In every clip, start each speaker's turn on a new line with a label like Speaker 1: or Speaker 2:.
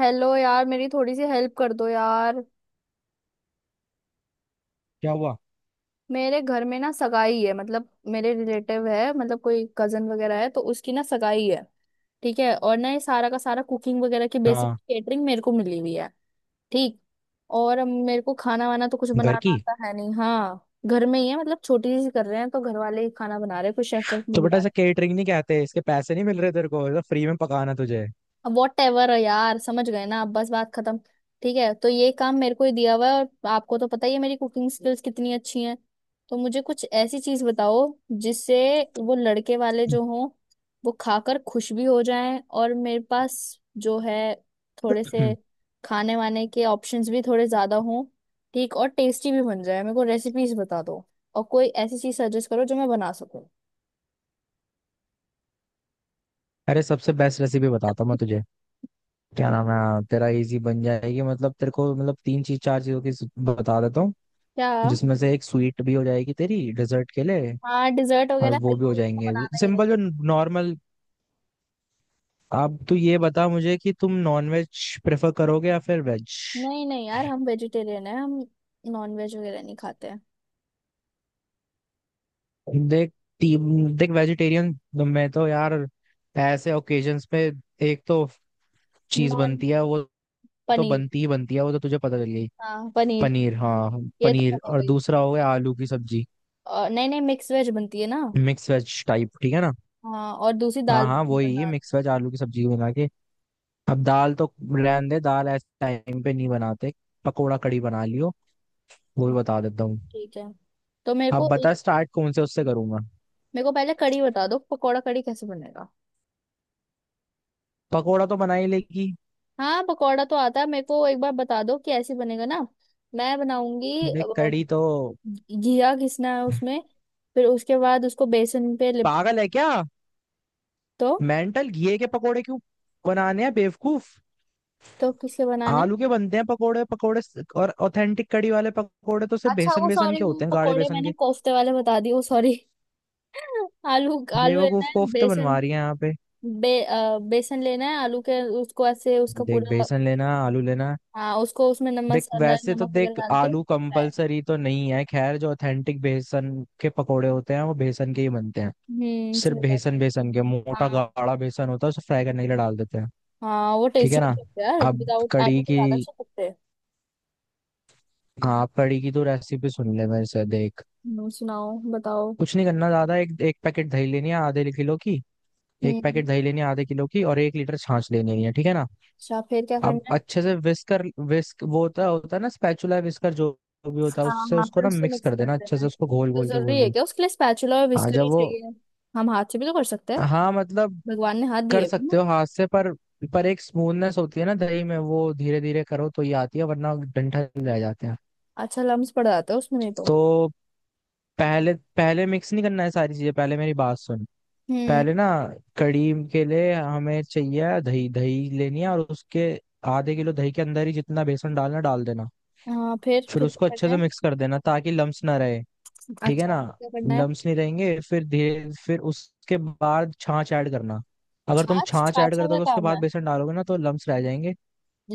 Speaker 1: Hello यार, मेरी थोड़ी सी हेल्प कर दो यार।
Speaker 2: क्या हुआ।
Speaker 1: मेरे घर में ना सगाई है, मतलब मेरे रिलेटिव है, मतलब कोई कजन वगैरह है तो उसकी ना सगाई है। ठीक है। और ना ये सारा का सारा कुकिंग वगैरह की बेसिक
Speaker 2: हाँ
Speaker 1: केटरिंग मेरे को मिली हुई है। ठीक। और अब मेरे को खाना वाना तो कुछ
Speaker 2: घर
Speaker 1: बनाना
Speaker 2: की।
Speaker 1: आता है नहीं। हाँ, घर में ही है, मतलब छोटी सी कर रहे हैं तो घर वाले ही खाना बना रहे हैं, कुछ शेफ वेफ नहीं
Speaker 2: तो बेटा
Speaker 1: बुला
Speaker 2: ऐसा
Speaker 1: रहे।
Speaker 2: केटरिंग नहीं कहते, इसके पैसे नहीं मिल रहे तेरे को, ये तो फ्री में पकाना तुझे
Speaker 1: वॉट एवर यार, समझ गए ना आप, बस बात खत्म। ठीक है, तो ये काम मेरे को ही दिया हुआ है, और आपको तो पता ही है मेरी कुकिंग स्किल्स कितनी अच्छी हैं। तो मुझे कुछ ऐसी चीज बताओ जिससे वो लड़के वाले जो हों वो खाकर खुश भी हो जाएं, और मेरे पास जो है थोड़े से
Speaker 2: हम्म,
Speaker 1: खाने वाने के ऑप्शंस भी थोड़े ज्यादा हों। ठीक। और टेस्टी भी बन जाए। मेरे को रेसिपीज बता दो और कोई ऐसी चीज सजेस्ट करो जो मैं बना सकूं।
Speaker 2: अरे, सबसे बेस्ट रेसिपी बताता हूँ मैं तुझे। क्या नाम है, हाँ, तेरा इजी बन जाएगी, मतलब तेरे को, मतलब तीन चीज चार चीजों की बता देता हूँ।
Speaker 1: क्या?
Speaker 2: जिसमें से एक स्वीट भी हो जाएगी तेरी डेजर्ट के लिए।
Speaker 1: हाँ, डिजर्ट
Speaker 2: और
Speaker 1: वगैरह
Speaker 2: वो भी
Speaker 1: हलवा
Speaker 2: हो
Speaker 1: वगैरह तो
Speaker 2: जाएंगे
Speaker 1: बनाना ही है।
Speaker 2: सिंपल, जो नॉर्मल। अब तू ये बता मुझे कि तुम नॉन वेज प्रेफर करोगे या फिर वेज।
Speaker 1: नहीं नहीं यार, हम वेजिटेरियन है हम, नॉन वेज वगैरह नहीं खाते हैं।
Speaker 2: देख, ती- देख, वेजिटेरियन। मैं तो यार ऐसे ओकेजन्स पे एक तो चीज
Speaker 1: नॉन,
Speaker 2: बनती है, वो तो
Speaker 1: पनीर।
Speaker 2: बनती ही बनती है, वो तो तुझे पता चल गई।
Speaker 1: हाँ, पनीर।
Speaker 2: पनीर, हाँ,
Speaker 1: ये तो
Speaker 2: पनीर
Speaker 1: बने
Speaker 2: और
Speaker 1: गई।
Speaker 2: दूसरा हो गया आलू की सब्जी।
Speaker 1: और नहीं नहीं, मिक्स वेज बनती है ना।
Speaker 2: मिक्स वेज टाइप, ठीक है ना।
Speaker 1: हाँ, और दूसरी
Speaker 2: हाँ
Speaker 1: दाल
Speaker 2: हाँ,
Speaker 1: मखनी
Speaker 2: वही
Speaker 1: बनाना।
Speaker 2: मिक्स वेज, आलू की सब्जी बना के। अब दाल तो रहने दे, दाल ऐसे टाइम पे नहीं बनाते। पकोड़ा कड़ी बना लियो, वो भी बता देता हूँ।
Speaker 1: ठीक है। तो मेरे
Speaker 2: अब
Speaker 1: को
Speaker 2: बता, स्टार्ट कौन से उससे करूंगा।
Speaker 1: मेरे को पहले कड़ी बता दो, पकौड़ा कड़ी कैसे बनेगा।
Speaker 2: पकोड़ा तो बना ही लेगी।
Speaker 1: हाँ, पकौड़ा तो आता है मेरे को, एक बार बता दो कि ऐसे बनेगा ना, मैं बनाऊंगी।
Speaker 2: देख, कड़ी तो
Speaker 1: घिया घिसना है उसमें, फिर उसके बाद उसको बेसन पे लिपटा
Speaker 2: पागल है क्या।
Speaker 1: तो।
Speaker 2: मेंटल, घिए के पकोड़े क्यों बनाने हैं बेवकूफ।
Speaker 1: किसके बनाने।
Speaker 2: आलू के बनते हैं पकोड़े, पकोड़े और ऑथेंटिक कड़ी वाले पकोड़े तो सिर्फ
Speaker 1: अच्छा
Speaker 2: बेसन,
Speaker 1: वो
Speaker 2: बेसन
Speaker 1: सॉरी,
Speaker 2: के
Speaker 1: वो
Speaker 2: होते हैं, गाढ़े
Speaker 1: पकोड़े
Speaker 2: बेसन
Speaker 1: मैंने
Speaker 2: के।
Speaker 1: कोफ्ते वाले बता दिए, वो सॉरी। आलू, आलू लेना
Speaker 2: बेवकूफ,
Speaker 1: है
Speaker 2: कोफ्ते बनवा
Speaker 1: बेसन।
Speaker 2: रही है यहाँ पे।
Speaker 1: बेसन लेना है, आलू के, उसको ऐसे उसका
Speaker 2: देख,
Speaker 1: पूरा।
Speaker 2: बेसन लेना, आलू लेना।
Speaker 1: हाँ, उसको उसमें नमक
Speaker 2: देख,
Speaker 1: मसाला
Speaker 2: वैसे तो
Speaker 1: नमक वगैरह
Speaker 2: देख
Speaker 1: डाल के
Speaker 2: आलू
Speaker 1: फ्राई।
Speaker 2: कंपलसरी तो नहीं है, खैर जो ऑथेंटिक बेसन के पकोड़े होते हैं वो बेसन के ही बनते हैं।
Speaker 1: हम्म,
Speaker 2: सिर्फ
Speaker 1: सुबह बात
Speaker 2: बेसन,
Speaker 1: है।
Speaker 2: बेसन के मोटा
Speaker 1: हाँ
Speaker 2: गाढ़ा बेसन होता है, उसे फ्राई करने के लिए डाल देते हैं।
Speaker 1: हाँ, वो
Speaker 2: ठीक है
Speaker 1: टेस्टी
Speaker 2: ना।
Speaker 1: लगता है यार,
Speaker 2: अब
Speaker 1: विदाउट आलू
Speaker 2: कड़ी
Speaker 1: के
Speaker 2: की,
Speaker 1: ज्यादा अच्छे लगते हैं।
Speaker 2: हाँ, कड़ी की तो रेसिपी सुन ले मेरे से, देख।
Speaker 1: सुनाओ, बताओ।
Speaker 2: कुछ नहीं करना ज्यादा, एक एक पैकेट दही लेनी है आधे किलो की। एक पैकेट
Speaker 1: हम्म।
Speaker 2: दही लेनी है आधे किलो की और 1 लीटर छाछ लेनी है, ठीक है ना।
Speaker 1: अच्छा फिर क्या
Speaker 2: अब
Speaker 1: करना है।
Speaker 2: अच्छे से विस्कर, विस्क वो होता होता है ना, स्पैचुला विस्कर जो भी होता है,
Speaker 1: हाँ
Speaker 2: उससे
Speaker 1: हाँ,
Speaker 2: उसको
Speaker 1: फिर
Speaker 2: ना
Speaker 1: उससे
Speaker 2: मिक्स
Speaker 1: मिक्स
Speaker 2: कर
Speaker 1: कर
Speaker 2: देना अच्छे
Speaker 1: देना
Speaker 2: से,
Speaker 1: है।
Speaker 2: उसको घोल
Speaker 1: तो
Speaker 2: घोल के घोल
Speaker 1: जरूरी है
Speaker 2: घोल
Speaker 1: क्या, उसके
Speaker 2: के।
Speaker 1: लिए स्पैचुला और
Speaker 2: हाँ
Speaker 1: विस्कर
Speaker 2: जब
Speaker 1: ही
Speaker 2: वो,
Speaker 1: चाहिए? हम हाथ से भी तो कर सकते हैं,
Speaker 2: हाँ मतलब,
Speaker 1: भगवान ने हाथ
Speaker 2: कर
Speaker 1: दिए।
Speaker 2: सकते हो हाथ से, पर एक स्मूथनेस होती है ना दही में, वो धीरे धीरे करो तो ये आती है, वरना डंठल रह जाते हैं।
Speaker 1: अच्छा लम्स पड़ जाता है उसमें नहीं तो।
Speaker 2: तो पहले, पहले मिक्स नहीं करना है सारी चीजें, पहले मेरी बात सुन।
Speaker 1: हम्म।
Speaker 2: पहले ना कड़ी के लिए हमें चाहिए दही, दही लेनी है और उसके आधे किलो दही के अंदर ही जितना बेसन डालना डाल देना।
Speaker 1: हाँ, फिर
Speaker 2: फिर
Speaker 1: फिर
Speaker 2: उसको
Speaker 1: क्या
Speaker 2: अच्छे
Speaker 1: करना
Speaker 2: से
Speaker 1: है।
Speaker 2: मिक्स कर देना ताकि लम्स ना रहे, ठीक है
Speaker 1: अच्छा
Speaker 2: ना।
Speaker 1: फिर क्या करना है।
Speaker 2: लम्स नहीं रहेंगे, फिर धीरे, फिर उसके बाद छाछ ऐड करना। अगर तुम
Speaker 1: छाछ,
Speaker 2: छाछ ऐड
Speaker 1: छाछा
Speaker 2: कर
Speaker 1: का
Speaker 2: दोगे उसके
Speaker 1: काम
Speaker 2: बाद
Speaker 1: है?
Speaker 2: बेसन डालोगे ना, तो लम्स रह जाएंगे।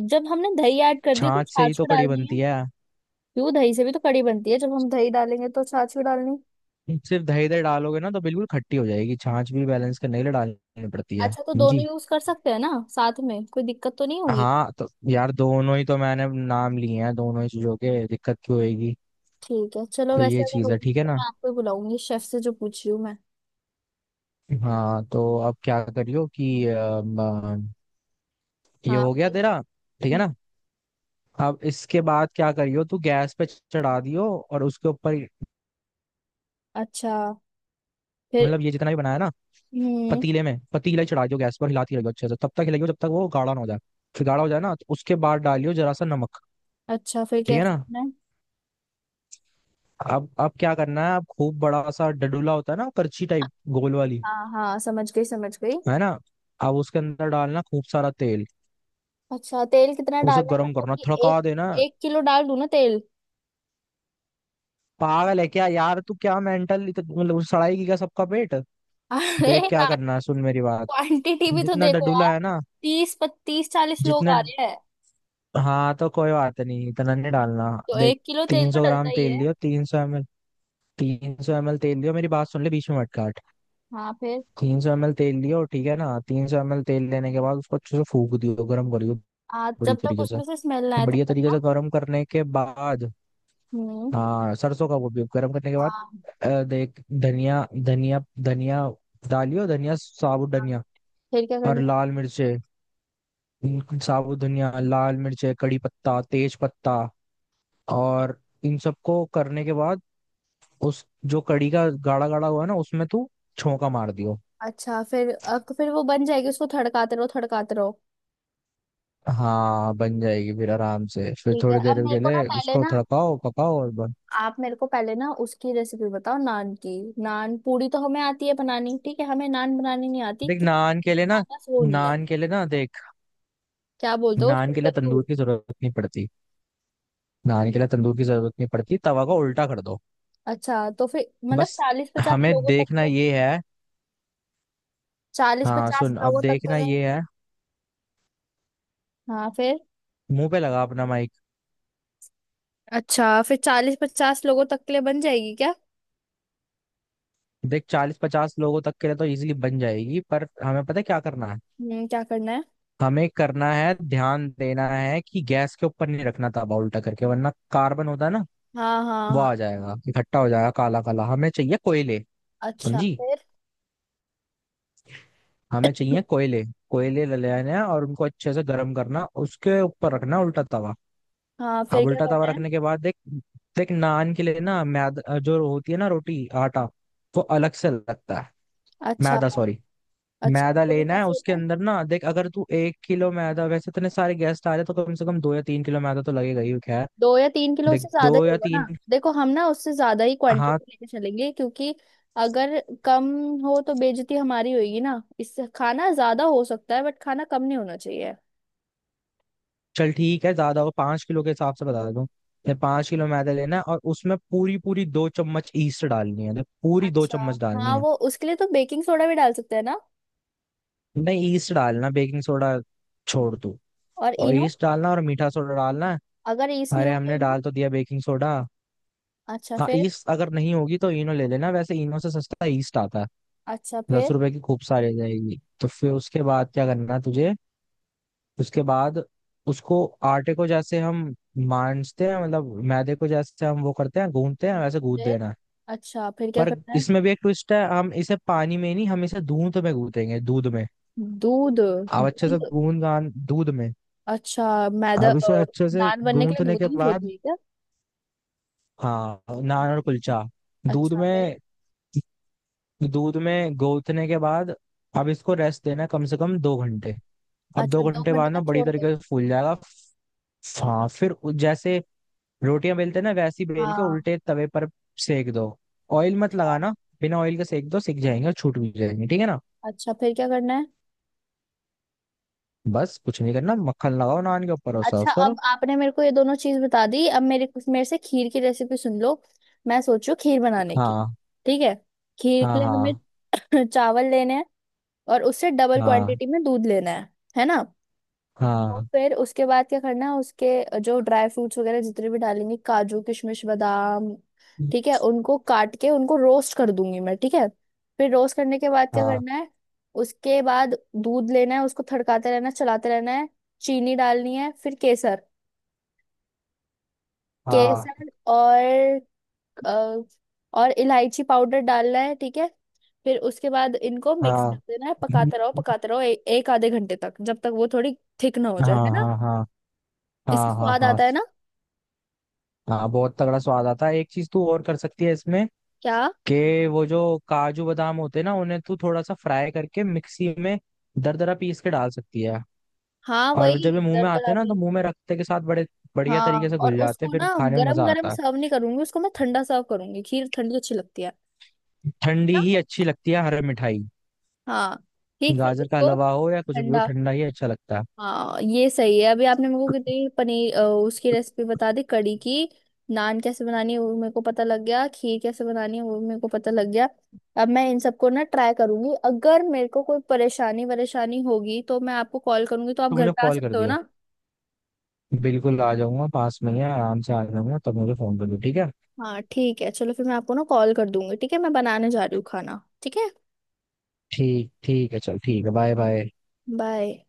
Speaker 1: जब हमने दही ऐड कर दी तो
Speaker 2: छाछ से ही
Speaker 1: छाछ
Speaker 2: तो
Speaker 1: भी
Speaker 2: कड़ी
Speaker 1: डालनी है?
Speaker 2: बनती है।
Speaker 1: क्यों, दही से भी तो कड़ी बनती है, जब हम दही डालेंगे तो छाछ भी डालनी।
Speaker 2: सिर्फ दही, दही डालोगे ना तो बिल्कुल खट्टी हो जाएगी, छाछ भी बैलेंस करने के लिए डालनी पड़ती है।
Speaker 1: अच्छा तो दोनों
Speaker 2: जी,
Speaker 1: यूज कर सकते हैं ना साथ में, कोई दिक्कत तो नहीं होगी?
Speaker 2: हाँ तो यार दोनों ही तो मैंने नाम लिए हैं दोनों ही चीजों के, दिक्कत क्यों होएगी।
Speaker 1: ठीक है चलो,
Speaker 2: तो
Speaker 1: वैसे
Speaker 2: ये
Speaker 1: अगर
Speaker 2: चीज है,
Speaker 1: होगी
Speaker 2: ठीक है
Speaker 1: तो
Speaker 2: ना।
Speaker 1: मैं आपको ही बुलाऊंगी, शेफ से जो पूछ रही हूँ मैं।
Speaker 2: हाँ तो अब क्या करियो कि अम, अम, ये
Speaker 1: हाँ।
Speaker 2: हो गया तेरा, ठीक है
Speaker 1: हम्म।
Speaker 2: ना। अब इसके बाद क्या करियो, तू गैस पे चढ़ा दियो और उसके ऊपर,
Speaker 1: अच्छा फिर।
Speaker 2: मतलब ये जितना भी बनाया ना
Speaker 1: हम्म।
Speaker 2: पतीले में, पतीला ही चढ़ा दियो गैस पर, हिलाती रहियो अच्छे से, तब तक हिलाइयो जब तक वो गाढ़ा ना हो जाए। फिर गाढ़ा हो जाए ना तो उसके बाद डालियो जरा सा नमक,
Speaker 1: अच्छा फिर
Speaker 2: ठीक
Speaker 1: क्या
Speaker 2: है ना।
Speaker 1: करना है?
Speaker 2: अब क्या करना है, अब खूब बड़ा सा डडूला होता है ना, करछी टाइप गोल वाली,
Speaker 1: हाँ हाँ, समझ गई समझ गई।
Speaker 2: है ना। अब उसके अंदर डालना खूब सारा तेल,
Speaker 1: अच्छा तेल कितना
Speaker 2: उसे
Speaker 1: डालना है,
Speaker 2: गर्म
Speaker 1: मतलब
Speaker 2: करना,
Speaker 1: कि एक
Speaker 2: थड़का देना।
Speaker 1: एक किलो डाल दूं ना तेल।
Speaker 2: पागल है क्या यार तू, क्या मेंटल, मतलब उस सड़ाई की क्या सबका पेट।
Speaker 1: अरे
Speaker 2: देख, क्या
Speaker 1: यार,
Speaker 2: करना है, सुन मेरी बात।
Speaker 1: क्वांटिटी भी तो
Speaker 2: जितना
Speaker 1: देखो यार,
Speaker 2: डडूला है ना,
Speaker 1: 30 पत्तीस 40 लोग
Speaker 2: जितना,
Speaker 1: आ रहे हैं,
Speaker 2: हाँ तो कोई बात नहीं, इतना नहीं डालना।
Speaker 1: तो
Speaker 2: देख,
Speaker 1: 1 किलो तेल
Speaker 2: तीन
Speaker 1: तो
Speaker 2: सौ
Speaker 1: डलता
Speaker 2: ग्राम
Speaker 1: ही
Speaker 2: तेल
Speaker 1: है।
Speaker 2: लियो, 300 ML। 300 ML तेल लियो, मेरी बात सुन ले, बीच में मत काट।
Speaker 1: हाँ फिर।
Speaker 2: 300 ML तेल लियो, ठीक है ना। 300 ML तेल लेने के बाद उसको अच्छे से फूक दियो, गर्म करियो बड़ी
Speaker 1: जब तक
Speaker 2: तरीके से,
Speaker 1: उसमें से स्मेल ना आए तब
Speaker 2: बढ़िया
Speaker 1: तक
Speaker 2: तरीके
Speaker 1: ना।
Speaker 2: से गर्म करने के बाद।
Speaker 1: हम्म।
Speaker 2: हाँ सरसों का, वो भी गर्म करने के बाद
Speaker 1: हाँ।
Speaker 2: देख धनिया, धनिया, धनिया डालियो, धनिया, साबुत
Speaker 1: हाँ।
Speaker 2: धनिया
Speaker 1: फिर क्या
Speaker 2: और
Speaker 1: करना है।
Speaker 2: लाल मिर्चे। साबुत धनिया, लाल मिर्चे, कड़ी पत्ता, तेज पत्ता और इन सबको करने के बाद, उस जो कड़ी का गाढ़ा गाढ़ा हुआ है ना, उसमें तू छौंका मार दियो।
Speaker 1: अच्छा फिर अब तो फिर वो बन जाएगी, उसको थड़काते रहो थड़काते रहो।
Speaker 2: हाँ बन जाएगी, फिर आराम से फिर
Speaker 1: ठीक है।
Speaker 2: थोड़ी
Speaker 1: अब
Speaker 2: देर
Speaker 1: मेरे
Speaker 2: के
Speaker 1: को ना
Speaker 2: लिए
Speaker 1: पहले
Speaker 2: उसको
Speaker 1: ना
Speaker 2: तड़काओ, पकाओ और बन।
Speaker 1: आप मेरे को पहले ना उसकी रेसिपी बताओ नान की। नान पूरी तो हमें आती है बनानी, ठीक है हमें नान बनानी नहीं आती,
Speaker 2: देख
Speaker 1: क्यों?
Speaker 2: नान के लिए ना,
Speaker 1: हमारे पास वो नहीं है।
Speaker 2: नान के लिए ना देख,
Speaker 1: क्या बोलते हो?
Speaker 2: नान के लिए
Speaker 1: टोटल दूर।
Speaker 2: तंदूर की जरूरत नहीं पड़ती। नहाने के लिए तंदूर की जरूरत नहीं पड़ती, तवा को उल्टा कर दो।
Speaker 1: अच्छा तो फिर मतलब
Speaker 2: बस,
Speaker 1: 40-50
Speaker 2: हमें
Speaker 1: लोगों तक
Speaker 2: देखना
Speaker 1: तो,
Speaker 2: ये है,
Speaker 1: चालीस
Speaker 2: हाँ
Speaker 1: पचास
Speaker 2: सुन, अब
Speaker 1: लोगों तक के
Speaker 2: देखना
Speaker 1: लिए।
Speaker 2: ये है,
Speaker 1: हाँ फिर।
Speaker 2: मुंह पे लगा अपना माइक।
Speaker 1: अच्छा फिर 40-50 लोगों तक के लिए बन जाएगी क्या?
Speaker 2: देख 40-50 लोगों तक के लिए तो इजीली बन जाएगी, पर हमें पता है क्या करना है।
Speaker 1: हम्म, क्या करना है।
Speaker 2: हमें करना है, ध्यान देना है कि गैस के ऊपर नहीं रखना तवा उल्टा करके, वरना कार्बन होता है ना,
Speaker 1: हाँ हाँ
Speaker 2: वो
Speaker 1: हाँ।
Speaker 2: आ जाएगा, इकट्ठा हो जाएगा काला काला। हमें चाहिए कोयले,
Speaker 1: अच्छा
Speaker 2: समझी,
Speaker 1: फिर।
Speaker 2: हमें चाहिए कोयले। कोयले ले लेने हैं और उनको अच्छे से गर्म करना, उसके ऊपर रखना उल्टा तवा।
Speaker 1: हाँ फिर
Speaker 2: अब
Speaker 1: क्या
Speaker 2: उल्टा तवा
Speaker 1: करना है।
Speaker 2: रखने के बाद देख, देख नान के लिए ना, मैदा जो होती है ना, रोटी आटा वो अलग से लगता है,
Speaker 1: अच्छा।
Speaker 2: मैदा सॉरी।
Speaker 1: अच्छा
Speaker 2: मैदा
Speaker 1: तो वो
Speaker 2: लेना है,
Speaker 1: कैसे
Speaker 2: उसके
Speaker 1: होता है?
Speaker 2: अंदर ना, देख अगर तू 1 किलो मैदा, वैसे इतने सारे गेस्ट आ रहे हैं, तो कम से कम 2 या 3 किलो मैदा तो लगेगा ही, खैर।
Speaker 1: 2 या 3 किलो, उससे
Speaker 2: देख
Speaker 1: ज्यादा
Speaker 2: दो
Speaker 1: ही
Speaker 2: या
Speaker 1: होगा ना?
Speaker 2: तीन,
Speaker 1: देखो हम ना उससे ज्यादा ही
Speaker 2: हाँ
Speaker 1: क्वांटिटी लेके चलेंगे, क्योंकि अगर कम हो तो बेइज्जती हमारी होगी ना, इससे खाना ज्यादा हो सकता है बट खाना कम नहीं होना चाहिए।
Speaker 2: चल ठीक है, ज्यादा हो 5 किलो के हिसाब से बता देता हूँ। देख, 5 किलो मैदा लेना है और उसमें पूरी पूरी 2 चम्मच ईस्ट डालनी है, देख पूरी दो
Speaker 1: अच्छा।
Speaker 2: चम्मच डालनी
Speaker 1: हाँ,
Speaker 2: है।
Speaker 1: वो उसके लिए तो बेकिंग सोडा भी डाल सकते हैं ना,
Speaker 2: नहीं, ईस्ट डालना, बेकिंग सोडा छोड़ तू,
Speaker 1: और
Speaker 2: और
Speaker 1: इनो।
Speaker 2: ईस्ट डालना और मीठा सोडा डालना।
Speaker 1: अगर ईस नहीं
Speaker 2: अरे
Speaker 1: हुआ तो
Speaker 2: हमने
Speaker 1: इनो।
Speaker 2: डाल तो दिया बेकिंग सोडा।
Speaker 1: अच्छा
Speaker 2: हाँ
Speaker 1: फिर।
Speaker 2: ईस्ट अगर नहीं होगी तो ईनो ले लेना, वैसे ईनो से सस्ता ईस्ट आता है।
Speaker 1: अच्छा फिर
Speaker 2: 10 रुपए की खूब सारी आ जाएगी, तो फिर उसके बाद क्या करना है तुझे। उसके बाद उसको, आटे को जैसे हम मांझते हैं, मतलब मैदे को जैसे हम वो करते हैं गूंथते हैं, वैसे गूंथ
Speaker 1: फिर
Speaker 2: देना है।
Speaker 1: अच्छा फिर क्या
Speaker 2: पर
Speaker 1: करना है।
Speaker 2: इसमें भी एक ट्विस्ट है, हम इसे पानी में नहीं, हम इसे दूध में गूंथेंगे, दूध में।
Speaker 1: दूध,
Speaker 2: अब अच्छे से
Speaker 1: दूध।
Speaker 2: गूंद गान दूध में।
Speaker 1: अच्छा मैदा,
Speaker 2: अब इसे
Speaker 1: और
Speaker 2: अच्छे से
Speaker 1: नान बनने के लिए
Speaker 2: गूंथने
Speaker 1: दूध
Speaker 2: के
Speaker 1: यूज
Speaker 2: बाद,
Speaker 1: होती है क्या?
Speaker 2: हाँ
Speaker 1: अ-
Speaker 2: नान और कुलचा, दूध
Speaker 1: अच्छा फिर।
Speaker 2: में, दूध में गौथने के बाद अब इसको रेस्ट देना है कम से कम 2 घंटे। अब दो
Speaker 1: अच्छा दो
Speaker 2: घंटे
Speaker 1: घंटे
Speaker 2: बाद ना
Speaker 1: तक
Speaker 2: बड़ी
Speaker 1: छोड़ दो।
Speaker 2: तरीके से फूल जाएगा, हाँ फिर जैसे रोटियां बेलते हैं ना, वैसे ही बेल के
Speaker 1: हाँ।
Speaker 2: उल्टे तवे पर सेक दो, ऑयल मत
Speaker 1: अच्छा।
Speaker 2: लगाना। बिना ऑयल के सेक दो, सिक जाएंगे और छूट भी जाएंगे, ठीक है ना।
Speaker 1: अच्छा फिर क्या करना है।
Speaker 2: बस कुछ नहीं करना, मक्खन लगाओ नान के ऊपर और सर्व
Speaker 1: अच्छा अब
Speaker 2: करो।
Speaker 1: आपने मेरे को ये दोनों चीज बता दी, अब मेरे मेरे से खीर की रेसिपी सुन लो, मैं सोचू खीर बनाने की।
Speaker 2: हाँ
Speaker 1: ठीक है। खीर
Speaker 2: हाँ
Speaker 1: के लिए हमें
Speaker 2: हाँ,
Speaker 1: चावल लेने हैं, और उससे डबल क्वांटिटी में दूध लेना है ना। और
Speaker 2: हाँ
Speaker 1: फिर उसके बाद क्या करना है, उसके जो ड्राई फ्रूट्स वगैरह जितने भी डालेंगे, काजू किशमिश बादाम, ठीक है, उनको काट के उनको रोस्ट कर दूंगी मैं। ठीक है। फिर रोस्ट करने के बाद
Speaker 2: हाँ
Speaker 1: क्या
Speaker 2: हाँ,
Speaker 1: करना है, उसके बाद दूध लेना है, उसको थड़काते रहना है, चलाते रहना है, चीनी डालनी है, फिर केसर,
Speaker 2: हाँ
Speaker 1: और अ, और इलायची पाउडर डालना है, ठीक है। फिर उसके बाद इनको मिक्स कर
Speaker 2: हाँ
Speaker 1: देना है, पकाते रहो एक आधे घंटे तक, जब तक वो थोड़ी थिक ना हो
Speaker 2: हाँ,
Speaker 1: जाए, है ना।
Speaker 2: हाँ हाँ
Speaker 1: इससे
Speaker 2: हाँ, हाँ
Speaker 1: स्वाद
Speaker 2: हाँ
Speaker 1: आता है ना।
Speaker 2: हाँ। बहुत तगड़ा स्वाद आता है, एक चीज तू और कर सकती है इसमें
Speaker 1: क्या?
Speaker 2: के, वो जो काजू बादाम होते हैं ना, उन्हें तू थोड़ा सा फ्राई करके मिक्सी में दरदरा पीस के डाल सकती है।
Speaker 1: हाँ
Speaker 2: और जब ये
Speaker 1: वही
Speaker 2: मुंह में आते
Speaker 1: दरदरा
Speaker 2: हैं ना तो
Speaker 1: भी।
Speaker 2: मुंह में रखते के साथ बड़े बढ़िया
Speaker 1: हाँ,
Speaker 2: तरीके से
Speaker 1: और
Speaker 2: घुल जाते हैं,
Speaker 1: उसको
Speaker 2: फिर
Speaker 1: ना
Speaker 2: खाने में
Speaker 1: गरम
Speaker 2: मजा
Speaker 1: गरम
Speaker 2: आता है।
Speaker 1: सर्व नहीं करूंगी, उसको मैं ठंडा सर्व करूंगी, खीर ठंडी अच्छी लगती है
Speaker 2: ठंडी
Speaker 1: ना?
Speaker 2: ही अच्छी लगती है हर मिठाई,
Speaker 1: हाँ। ठीक, फिर
Speaker 2: गाजर का
Speaker 1: उसको
Speaker 2: हलवा हो या कुछ भी हो
Speaker 1: ठंडा।
Speaker 2: ठंडा ही अच्छा लगता है।
Speaker 1: हाँ ये सही है। अभी आपने मेरे को कितनी पनीर उसकी रेसिपी बता दी, कड़ी की। नान कैसे बनानी है वो मेरे को पता लग गया, खीर कैसे बनानी है वो मेरे को पता लग गया। अब मैं इन सबको ना ट्राई करूंगी, अगर मेरे को कोई परेशानी वरेशानी होगी तो मैं आपको कॉल करूंगी, तो आप
Speaker 2: तो
Speaker 1: घर
Speaker 2: मुझे
Speaker 1: पे आ
Speaker 2: कॉल कर
Speaker 1: सकते हो
Speaker 2: दियो,
Speaker 1: ना।
Speaker 2: बिल्कुल आ जाऊंगा, पास में ही है आराम से आ जाऊंगा, तब मुझे फोन कर दियो, ठीक है।
Speaker 1: हाँ ठीक है, चलो फिर मैं आपको ना कॉल कर दूंगी, ठीक है मैं बनाने जा रही हूँ खाना, ठीक है
Speaker 2: ठीक, ठीक है, चल ठीक है, बाय बाय।
Speaker 1: बाय।